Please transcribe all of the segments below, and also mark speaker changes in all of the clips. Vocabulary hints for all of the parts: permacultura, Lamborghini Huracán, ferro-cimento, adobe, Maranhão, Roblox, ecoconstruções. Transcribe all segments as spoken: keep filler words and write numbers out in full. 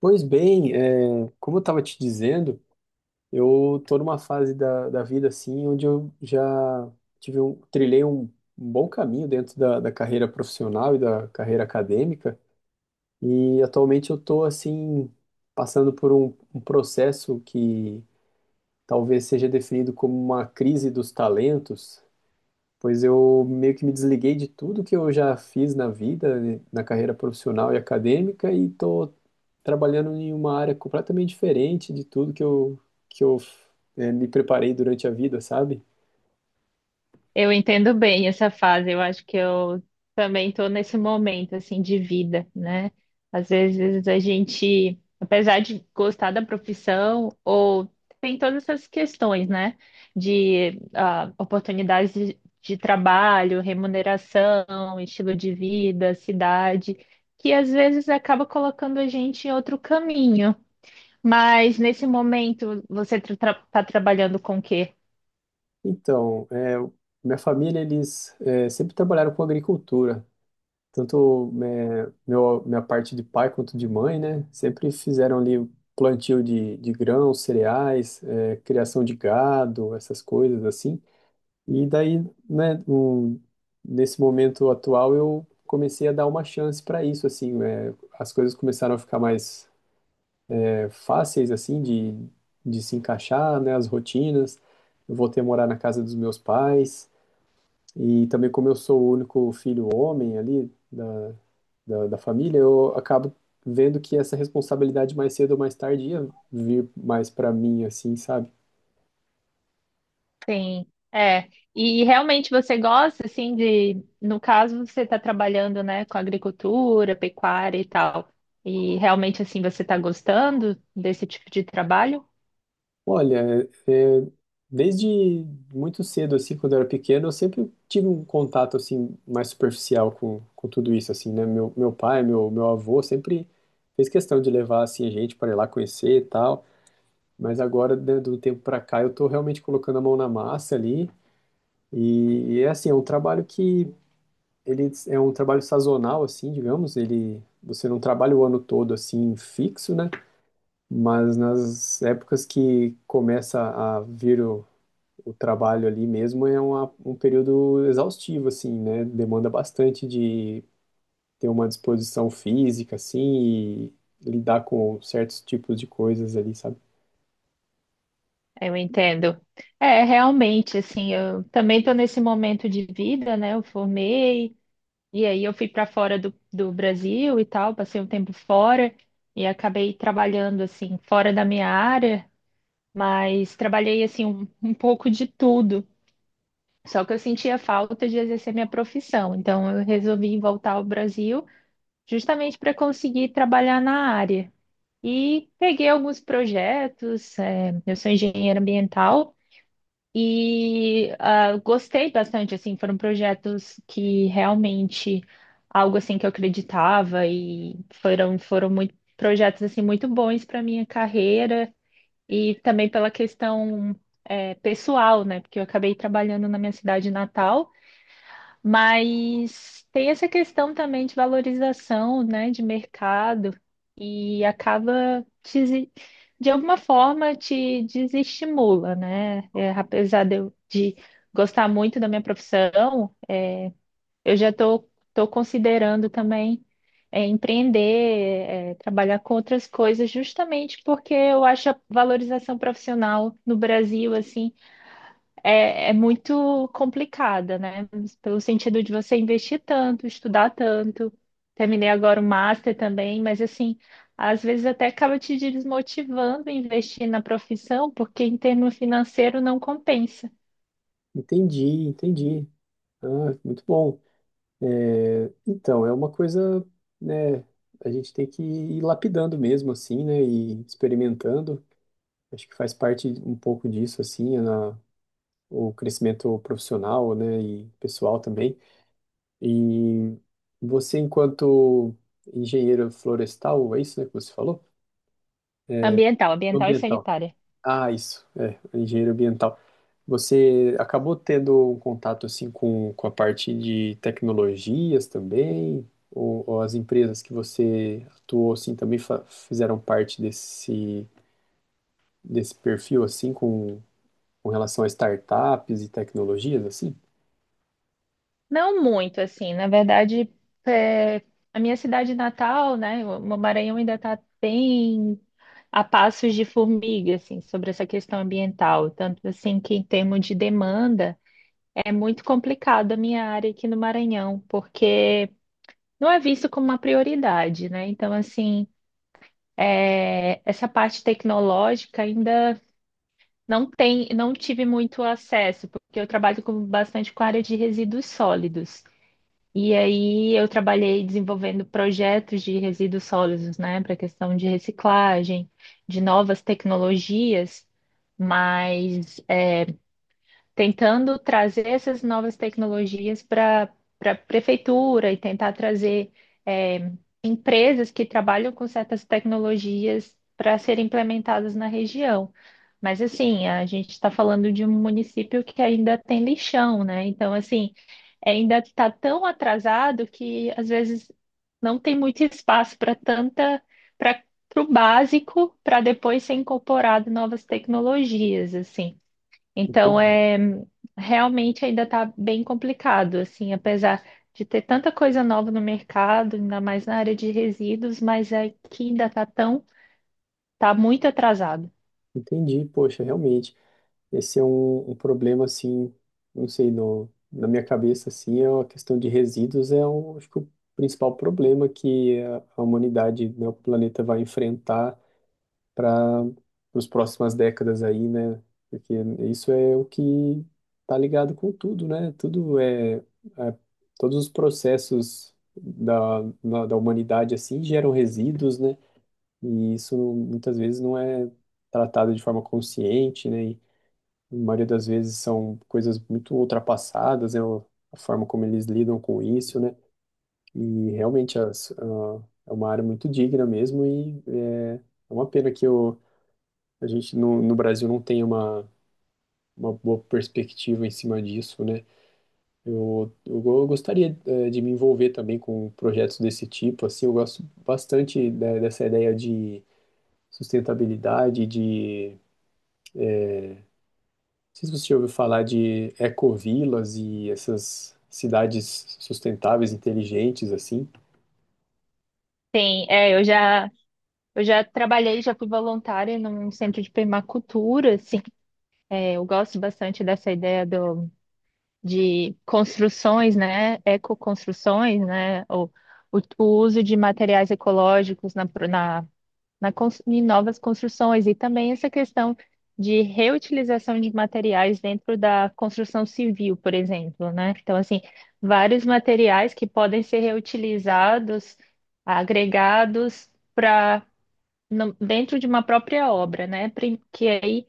Speaker 1: Pois bem, é, como eu estava te dizendo, eu estou numa fase da, da vida assim, onde eu já tive um, trilhei um, um bom caminho dentro da, da carreira profissional e da carreira acadêmica, e atualmente eu estou assim, passando por um, um processo que talvez seja definido como uma crise dos talentos, pois eu meio que me desliguei de tudo que eu já fiz na vida, né, na carreira profissional e acadêmica, e estou trabalhando em uma área completamente diferente de tudo que eu, que eu eh, me preparei durante a vida, sabe?
Speaker 2: Eu entendo bem essa fase. Eu acho que eu também estou nesse momento assim de vida, né? Às vezes a gente, apesar de gostar da profissão, ou tem todas essas questões, né? De ah, oportunidades de, de trabalho, remuneração, estilo de vida, cidade, que às vezes acaba colocando a gente em outro caminho. Mas nesse momento você está trabalhando com o quê?
Speaker 1: Então, eh, minha família, eles eh, sempre trabalharam com agricultura. Tanto eh, meu, minha parte de pai quanto de mãe, né? Sempre fizeram ali o plantio de, de grãos, cereais, eh, criação de gado, essas coisas assim. E daí, né, um, nesse momento atual, eu comecei a dar uma chance para isso, assim, eh, as coisas começaram a ficar mais fáceis assim de, de se encaixar, né, as rotinas. Eu voltei a morar na casa dos meus pais e também como eu sou o único filho homem ali da, da, da família, eu acabo vendo que essa responsabilidade mais cedo ou mais tarde ia vir mais para mim assim, sabe?
Speaker 2: Sim, é. E realmente você gosta, assim, de... No caso, você está trabalhando, né, com agricultura, pecuária e tal. E realmente, assim, você está gostando desse tipo de trabalho?
Speaker 1: Olha, é, desde muito cedo, assim, quando eu era pequeno, eu sempre tive um contato, assim, mais superficial com, com tudo isso, assim, né? Meu, meu pai, meu, meu avô sempre fez questão de levar, assim, a gente para ir lá conhecer e tal, mas agora, né, do tempo para cá, eu tô realmente colocando a mão na massa ali e, e é assim, é um trabalho que ele é um trabalho sazonal, assim, digamos, ele... Você não trabalha o ano todo assim fixo, né? Mas nas épocas que começa a vir o, o trabalho ali mesmo é uma, um período exaustivo, assim, né? Demanda bastante de ter uma disposição física, assim, e lidar com certos tipos de coisas ali, sabe?
Speaker 2: Eu entendo. É, realmente, assim, eu também estou nesse momento de vida, né? Eu formei, e aí eu fui para fora do, do Brasil e tal, passei um tempo fora e acabei trabalhando, assim, fora da minha área, mas trabalhei, assim, um, um pouco de tudo. Só que eu sentia falta de exercer minha profissão, então eu resolvi voltar ao Brasil justamente para conseguir trabalhar na área. E peguei alguns projetos, é, eu sou engenheira ambiental e ah, gostei bastante, assim, foram projetos que realmente algo assim que eu acreditava e foram foram muito projetos assim muito bons para minha carreira e também pela questão é, pessoal, né? Porque eu acabei trabalhando na minha cidade natal, mas tem essa questão também de valorização, né, de mercado e acaba te desi- de alguma forma te desestimula, né? É, apesar de eu de gostar muito da minha profissão, eu já estou tô, tô considerando também é, empreender, é, trabalhar com outras coisas, justamente porque eu acho a valorização profissional no Brasil assim é, é muito complicada, né? Pelo sentido de você investir tanto, estudar tanto. Terminei agora o master também, mas assim, às vezes até acaba te desmotivando a investir na profissão, porque em termo financeiro não compensa.
Speaker 1: Entendi, entendi. Ah, muito bom. É, então, é uma coisa, né? A gente tem que ir lapidando mesmo, assim, né? E experimentando. Acho que faz parte um pouco disso, assim, na, o crescimento profissional, né? E pessoal também. E você, enquanto engenheiro florestal, é isso, né, que você falou?
Speaker 2: Ambiental, ambiental e
Speaker 1: Ambiental.
Speaker 2: sanitária.
Speaker 1: Ah, isso, é, engenheiro ambiental. Você acabou tendo um contato assim com, com a parte de tecnologias também? Ou, ou as empresas que você atuou assim também fa- fizeram parte desse, desse perfil assim com, com relação a startups e tecnologias assim?
Speaker 2: Não muito, assim, na verdade, é, a minha cidade natal, né, o o Maranhão ainda está bem a passos de formiga, assim, sobre essa questão ambiental. Tanto assim que em termos de demanda, é muito complicada a minha área aqui no Maranhão, porque não é visto como uma prioridade, né? Então, assim, é, essa parte tecnológica ainda não tem, não tive muito acesso, porque eu trabalho com, bastante com a área de resíduos sólidos. E aí eu trabalhei desenvolvendo projetos de resíduos sólidos, né, para questão de reciclagem, de novas tecnologias, mas tentando trazer essas novas tecnologias para para a prefeitura e tentar trazer eh, empresas que trabalham com certas tecnologias para serem implementadas na região. Mas assim, a gente está falando de um município que ainda tem lixão, né? Então, assim, ainda está tão atrasado que às vezes não tem muito espaço para tanta, para o básico, para depois ser incorporado novas tecnologias, assim. Então,
Speaker 1: Entendi,
Speaker 2: é, realmente ainda está bem complicado, assim, apesar de ter tanta coisa nova no mercado, ainda mais na área de resíduos, mas é que ainda está tão, tá muito atrasado.
Speaker 1: entendi, poxa, realmente. Esse é um, um problema, assim, não sei, no, na minha cabeça, assim, é a questão de resíduos é, o, acho que o principal problema que a, a humanidade, né, o planeta vai enfrentar para as próximas décadas aí, né? Porque isso é o que tá ligado com tudo, né? Tudo é, é- todos os processos da, na- da humanidade, assim, geram resíduos, né? E isso muitas vezes não é tratado de forma consciente, né? A maioria das vezes são coisas muito ultrapassadas, né? A forma como eles lidam com isso, né? E realmente as- ah, é uma área muito digna mesmo e é, é uma pena que o- a gente no, no Brasil não tenha uma, uma boa perspectiva em cima disso, né? Eu, eu, go- eu gostaria eh, de me envolver também com projetos desse tipo, assim, eu gosto bastante, né, dessa ideia de sustentabilidade, sei se você já ouviu falar de ecovilas e essas cidades sustentáveis, inteligentes, assim.
Speaker 2: Tem, é, eu já, eu já trabalhei, já fui voluntária num centro de permacultura, assim, é, eu gosto bastante dessa ideia do, de construções, né, ecoconstruções, né, ou o, o uso de materiais ecológicos na, pro- na na cons- em novas construções e também essa questão de reutilização de materiais dentro da construção civil, por exemplo, né? Então, assim, vários materiais que podem ser reutilizados, agregados para dentro de uma própria obra, né? Prim- Que aí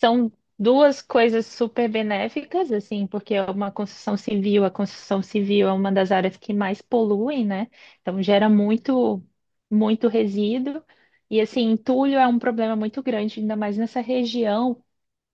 Speaker 2: são duas coisas super benéficas, assim, porque é uma construção civil, a construção civil é uma das áreas que mais poluem, né? Então gera muito, muito resíduo. E assim, entulho é um problema muito grande, ainda mais nessa região,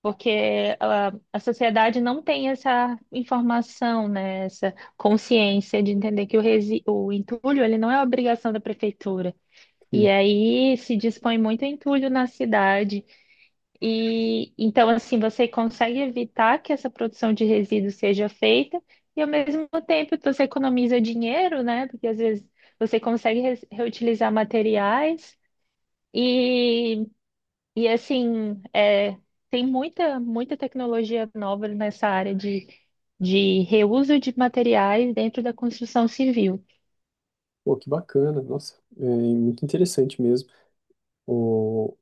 Speaker 2: porque a, a sociedade não tem essa informação, né? Essa consciência de entender que o, resi o entulho ele não é obrigação da prefeitura. E
Speaker 1: Sim.
Speaker 2: aí se dispõe muito entulho na cidade. E então, assim, você consegue evitar que essa produção de resíduos seja feita e, ao mesmo tempo, você economiza dinheiro, né? Porque às vezes você consegue re- reutilizar materiais e, e assim, é, tem muita, muita tecnologia nova nessa área de, de reuso de materiais dentro da construção civil.
Speaker 1: Pô, que bacana, nossa, é muito interessante mesmo. O-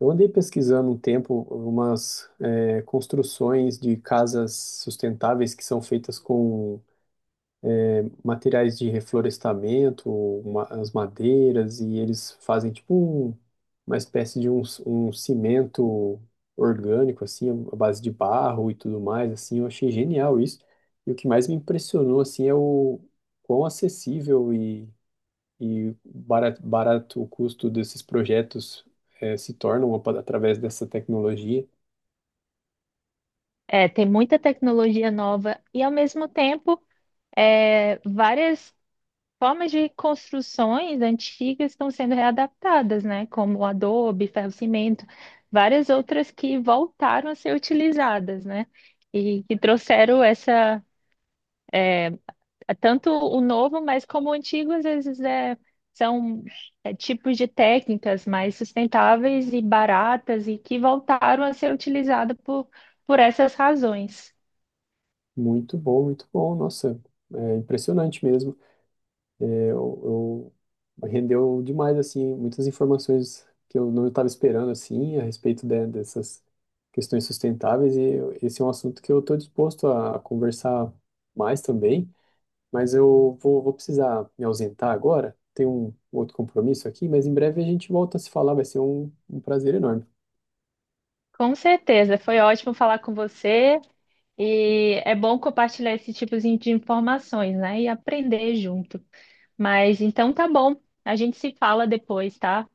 Speaker 1: eu andei pesquisando um tempo umas é, construções de casas sustentáveis que são feitas com materiais de reflorestamento, ma- as madeiras, e eles fazem tipo um- uma espécie de um, um cimento orgânico, assim, à base de barro e tudo mais, assim, eu achei genial isso. E o que mais me impressionou, assim, é o quão acessível e, e barato, barato o custo desses projetos eh, se tornam apa- através dessa tecnologia.
Speaker 2: É, tem muita tecnologia nova e, ao mesmo tempo, é, várias formas de construções antigas estão sendo readaptadas, né? Como o adobe, ferro-cimento, várias outras que voltaram a ser utilizadas, né? E que trouxeram essa, tanto o novo, mas como o antigo, às vezes é, são é, tipos de técnicas mais sustentáveis e baratas e que voltaram a ser utilizadas por, por essas razões.
Speaker 1: Muito bom, muito bom, nossa, é impressionante mesmo. Eu, eu rendeu demais assim muitas informações que eu não estava esperando assim a respeito de- dessas questões sustentáveis e eu- esse é um assunto que eu estou disposto a conversar mais também, mas eu vou, vou precisar me ausentar agora. Tenho um outro compromisso aqui, mas em breve a gente volta a se falar, vai ser um um prazer enorme.
Speaker 2: Com certeza, foi ótimo falar com você. E é bom compartilhar esse tipo de informações, né? E aprender junto. Mas então tá bom. A gente se fala depois, tá?